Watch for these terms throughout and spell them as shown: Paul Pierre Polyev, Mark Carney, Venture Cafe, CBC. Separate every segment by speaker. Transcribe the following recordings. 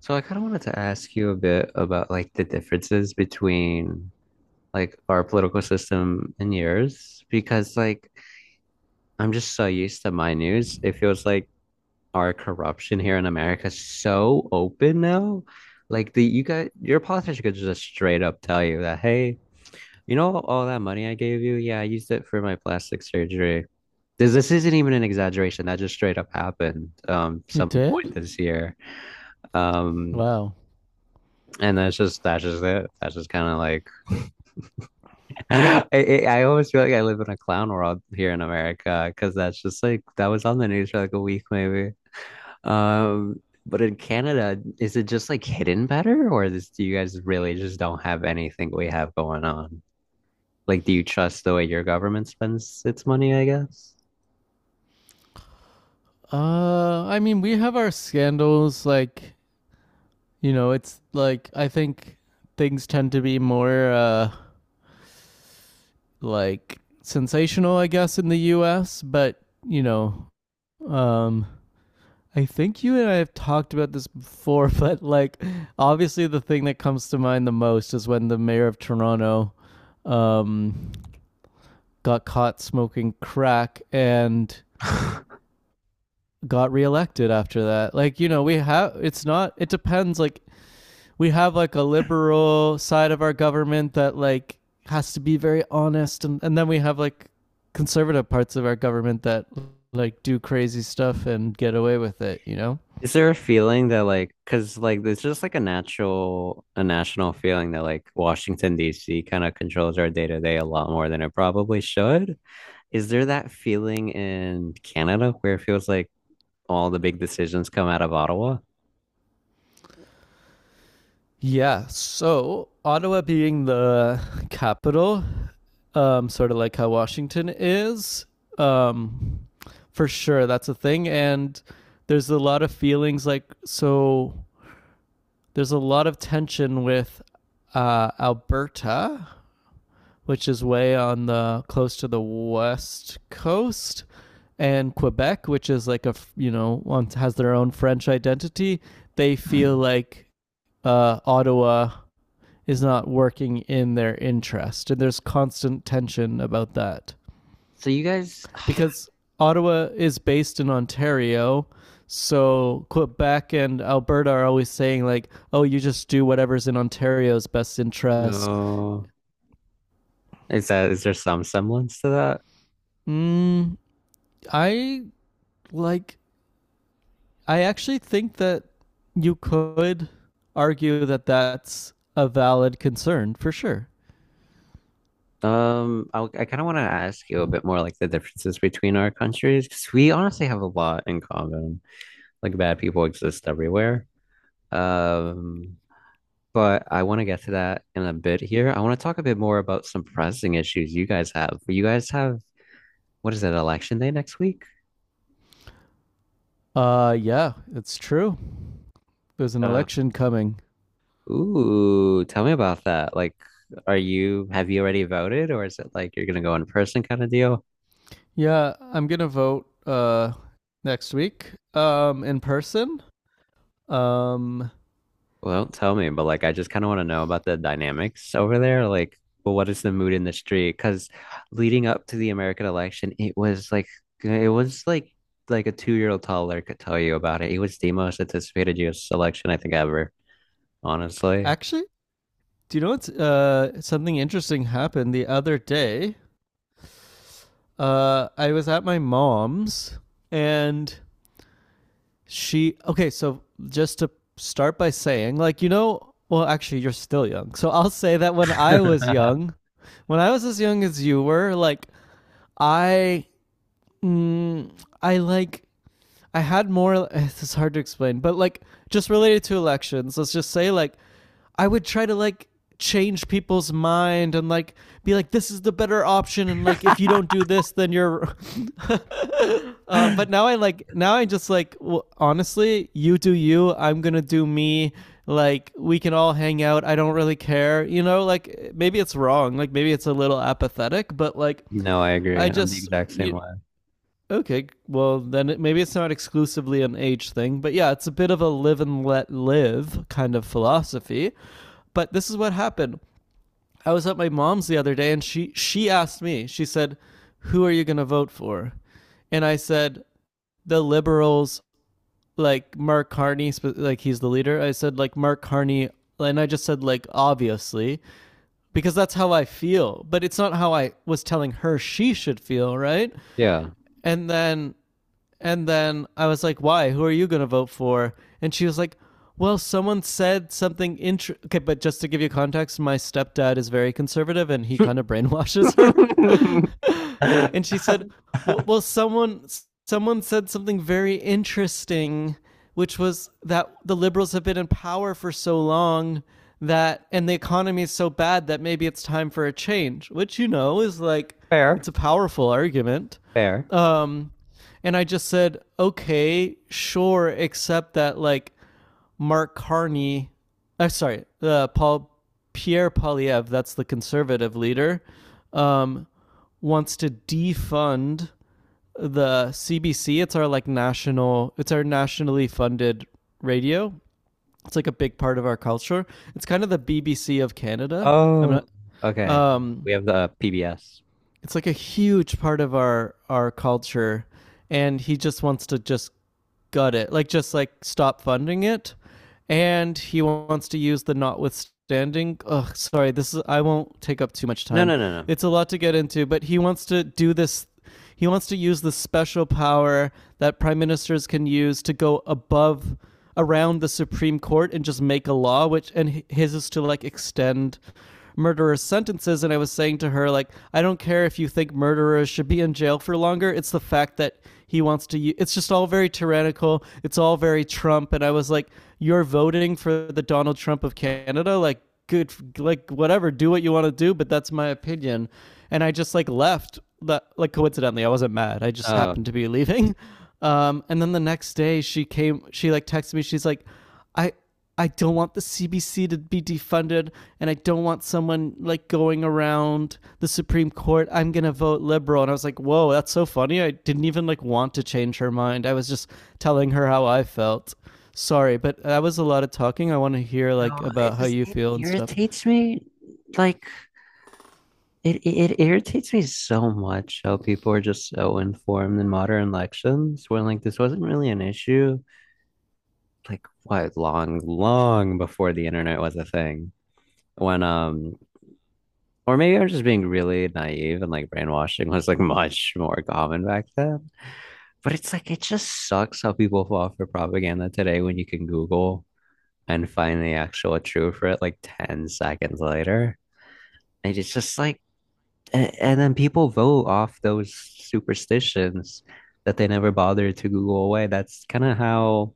Speaker 1: So I kind of wanted to ask you a bit about the differences between our political system and yours because I'm just so used to my news. It feels like our corruption here in America is so open now. Like the you got your politician could just straight up tell you that, hey, you know all that money I gave you? Yeah, I used it for my plastic surgery. This isn't even an exaggeration. That just straight up happened
Speaker 2: It
Speaker 1: some
Speaker 2: did?
Speaker 1: point this year. Um
Speaker 2: Wow.
Speaker 1: And that's just it. That's just kind of like I always feel like I live in a clown world here in America because that's just like that was on the news for like a week maybe. Um, but in Canada, is it just like hidden better, or is do you guys really just don't have anything we have going on? Like, do you trust the way your government spends its money, I guess?
Speaker 2: I mean, we have our scandals. Like, you know, it's like I think things tend to be more like sensational, I guess, in the U.S. But you know, um, I think you and I have talked about this before. But like, obviously, the thing that comes to mind the most is when the mayor of Toronto um, got caught smoking crack and got reelected after that. Like, you know, we have it's not it depends. Like, we have like a liberal side of our government that like has to be very honest, and then we have like conservative parts of our government that like do crazy stuff and get away with it, you know?
Speaker 1: Is there a feeling that like, cause like there's just like a national feeling that like Washington D.C. kind of controls our day-to-day a lot more than it probably should. Is there that feeling in Canada where it feels like all the big decisions come out of Ottawa?
Speaker 2: Yeah. So, Ottawa being the capital, sort of like how Washington is. um for sure that's a thing, and there's a lot of feelings. Like, so there's a lot of tension with Alberta, which is way on the close to the west coast, and Quebec, which is like a, you know has their own French identity. They feel like Ottawa is not working in their interest, and there's constant tension about that
Speaker 1: So you guys,
Speaker 2: because Ottawa is based in Ontario. So Quebec and Alberta are always saying like, "Oh, you just do whatever's in Ontario's best interest."
Speaker 1: no. Is there some semblance to
Speaker 2: Mm, I like I actually think that you could argue that that's a valid concern for sure.
Speaker 1: that? I kind of want to ask you a bit more like the differences between our countries because we honestly have a lot in common. Like bad people exist everywhere. Um, But I want to get to that in a bit here. I want to talk a bit more about some pressing issues you guys have. You guys have, what is it, election day next week?
Speaker 2: Yeah, it's true. There's an
Speaker 1: Uh,
Speaker 2: election coming.
Speaker 1: Ooh, tell me about that. Like, have you already voted, or is it like you're gonna go in person kind of deal?
Speaker 2: Yeah, I'm going to vote next week in person. Um
Speaker 1: Well, don't tell me, but I just kind of want to know about the dynamics over there. Like, well, what is the mood in the street? Because leading up to the American election, it was like a two-year-old toddler could tell you about it. It was the most anticipated US election I think ever, honestly.
Speaker 2: actually Do you know what's something interesting happened the other day? I was at my mom's and she. Okay, so just to start by saying, like, you're still young. So I'll say that when I was as young as you were, like, I. Mm, I like. I had more. This is hard to explain, but like, just related to elections, let's just say, like, I would try to change people's mind and like be like this is the better option, and like if you don't do this then you're but now I just like, well, honestly, you do you, I'm going to do me. Like, we can all hang out, I don't really care, you know? Like, maybe it's wrong, like maybe it's a little apathetic, but like
Speaker 1: No, I agree.
Speaker 2: I
Speaker 1: I'm the
Speaker 2: just
Speaker 1: exact same
Speaker 2: you
Speaker 1: way.
Speaker 2: okay, well then it, maybe it's not exclusively an age thing, but yeah, it's a bit of a live and let live kind of philosophy. But this is what happened. I was at my mom's the other day, and she asked me. She said, "Who are you going to vote for?" And I said, "The liberals, like Mark Carney, like he's the leader." I said like Mark Carney, and I just said like obviously because that's how I feel, but it's not how I was telling her she should feel, right?
Speaker 1: Yeah.
Speaker 2: And then and then I was like, why? Who are you going to vote for? And she was like, well, someone said something interesting. Okay, but just to give you context, my stepdad is very conservative and he kind of brainwashes her. And she said, "Well, well, someone said something very interesting, which was that the liberals have been in power for so long." That and the economy is so bad that maybe it's time for a change, which, you know, is like it's
Speaker 1: Fair,
Speaker 2: a powerful argument.
Speaker 1: fair.
Speaker 2: Um, and I just said, okay, sure, except that like Mark Carney, sorry, Paul Pierre Polyev, that's the conservative leader, um, wants to defund the CBC. It's our like national, it's our nationally funded radio. It's like a big part of our culture. It's kind of the BBC of Canada. I'm not.
Speaker 1: Oh, okay.
Speaker 2: Um,
Speaker 1: We have the PBS.
Speaker 2: it's like a huge part of our culture, and he just wants to just gut it, like just like stop funding it. And he wants to use the notwithstanding, ugh sorry, this is, I won't take up too much
Speaker 1: No,
Speaker 2: time,
Speaker 1: no, no, no.
Speaker 2: it's a lot to get into, but he wants to do this. He wants to use the special power that prime ministers can use to go above, around the Supreme Court and just make a law. Which, and his is to like extend murderers sentences, and I was saying to her like, I don't care if you think murderers should be in jail for longer, it's the fact that he wants to it's just all very tyrannical, it's all very Trump. And I was like, you're voting for the Donald Trump of Canada, like, good, like whatever, do what you want to do, but that's my opinion. And I just like left that. Like, coincidentally, I wasn't mad, I just
Speaker 1: Oh,
Speaker 2: happened to be leaving. And then the next day she came, she like texted me, she's like, I I don't want the CBC to be defunded, and I don't want someone like going around the Supreme Court. I'm gonna vote liberal. And I was like, "Whoa, that's so funny!" I didn't even like want to change her mind. I was just telling her how I felt. Sorry, but that was a lot of talking. I want to hear like
Speaker 1: no, it
Speaker 2: about how
Speaker 1: just
Speaker 2: you
Speaker 1: it
Speaker 2: feel and stuff.
Speaker 1: irritates me. Like it irritates me so much how people are just so informed in modern elections when like this wasn't really an issue. Like what, long, long before the internet was a thing. When or maybe I'm just being really naive and like brainwashing was like much more common back then. But it's like, it just sucks how people fall for propaganda today when you can Google and find the actual truth for it like 10 seconds later. And it's just like, and then people vote off those superstitions that they never bothered to Google away. That's kind of how,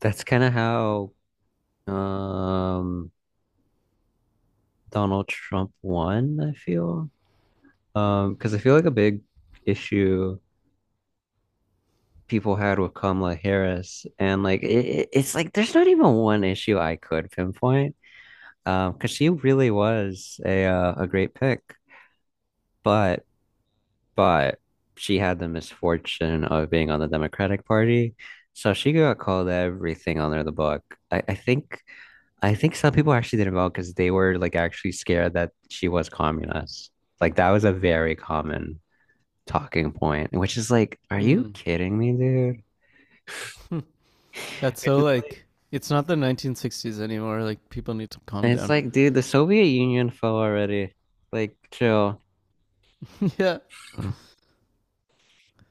Speaker 1: that's kind of how, um, Donald Trump won, I feel. Because I feel like a big issue people had with Kamala Harris, and it's like there's not even one issue I could pinpoint, because she really was a great pick, but but she had the misfortune of being on the Democratic Party, so she got called everything under the book. I, I think I think some people actually didn't vote because they were like actually scared that she was communist. Like that was a very common talking point, which is like, are you
Speaker 2: Mm,
Speaker 1: kidding me, dude?
Speaker 2: that's
Speaker 1: Which
Speaker 2: so
Speaker 1: is like.
Speaker 2: like it's not the 1960s anymore. Like people need to calm
Speaker 1: And it's
Speaker 2: down.
Speaker 1: like, dude, the Soviet Union fell already. Like, chill.
Speaker 2: yeah,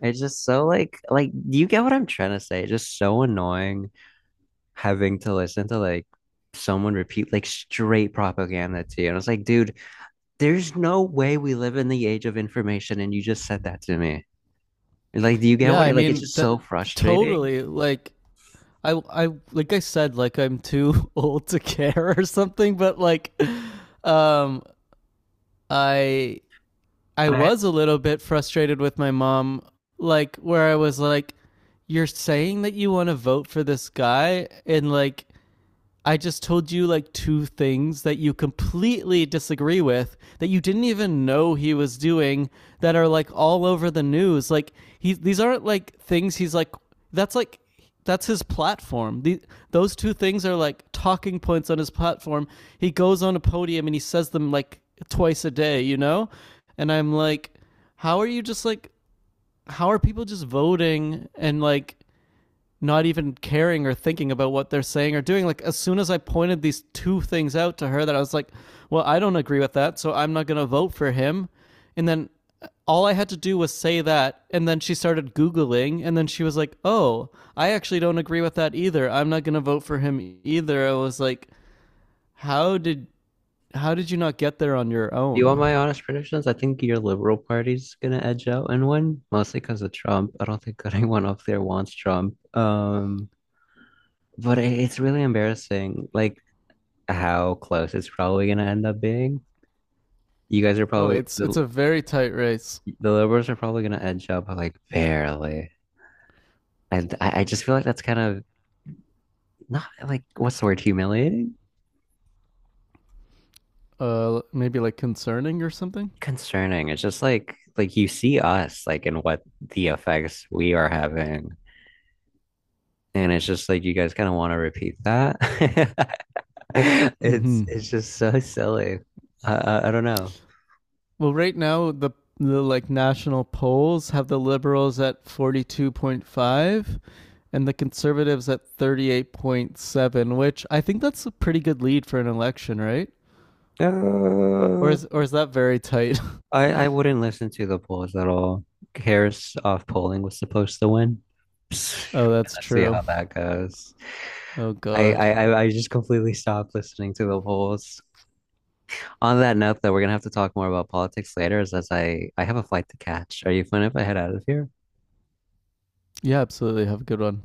Speaker 1: It's just so like do you get what I'm trying to say? It's just so annoying having to listen to like someone repeat like straight propaganda to you. And it's like, dude, there's no way we live in the age of information and you just said that to me. And, like, do you get
Speaker 2: yeah.
Speaker 1: what
Speaker 2: I
Speaker 1: it's
Speaker 2: mean,
Speaker 1: just
Speaker 2: that
Speaker 1: so frustrating.
Speaker 2: totally like I said like I'm too old to care or something, but like um I I
Speaker 1: I,
Speaker 2: was a little bit frustrated with my mom, like where I was like, you're saying that you want to vote for this guy, and like I just told you like two things that you completely disagree with that you didn't even know he was doing, that are like all over the news. Like he these aren't like things he's like, that's like that's his platform. Those two things are like talking points on his platform. He goes on a podium and he says them like twice a day, you know? And I'm like, how are you just like how are people just voting and like not even caring or thinking about what they're saying or doing. Like as soon as I pointed these two things out to her, that I was like, well, I don't agree with that, so I'm not going to vote for him. And then all I had to do was say that, and then she started Googling, and then she was like, "Oh, I actually don't agree with that either. I'm not gonna vote for him either." I was like, "How did how did you not get there on your
Speaker 1: do you want
Speaker 2: own?"
Speaker 1: my honest predictions? I think your Liberal Party's gonna edge out and win, mostly because of Trump. I don't think anyone up there wants Trump. But it's really embarrassing, like how close it's probably gonna end up being. You guys are
Speaker 2: Oh,
Speaker 1: probably
Speaker 2: it's a very tight race.
Speaker 1: the liberals are probably gonna edge up like barely, and I just feel like that's kind of not what's the word, humiliating,
Speaker 2: Maybe like concerning or something.
Speaker 1: concerning. It's just like you see us like and what the effects we are having, and it's just like you guys kind of want to repeat that. It's
Speaker 2: Mm-hmm.
Speaker 1: it's just so silly. I don't
Speaker 2: Well, right now the like national polls have the liberals at 42.5 and the conservatives at 38.7, which I think that's a pretty good lead for an election, right? Or
Speaker 1: know.
Speaker 2: is or is that very tight?
Speaker 1: I wouldn't listen to the polls at all. Harris off polling was supposed to win.
Speaker 2: oh, that's
Speaker 1: Let's see
Speaker 2: true.
Speaker 1: how that goes.
Speaker 2: Oh
Speaker 1: I,
Speaker 2: god.
Speaker 1: I I I just completely stopped listening to the polls. On that note, though, we're gonna have to talk more about politics later, as I have a flight to catch. Are you fine if I head out of here?
Speaker 2: Yeah, absolutely. Have a good one.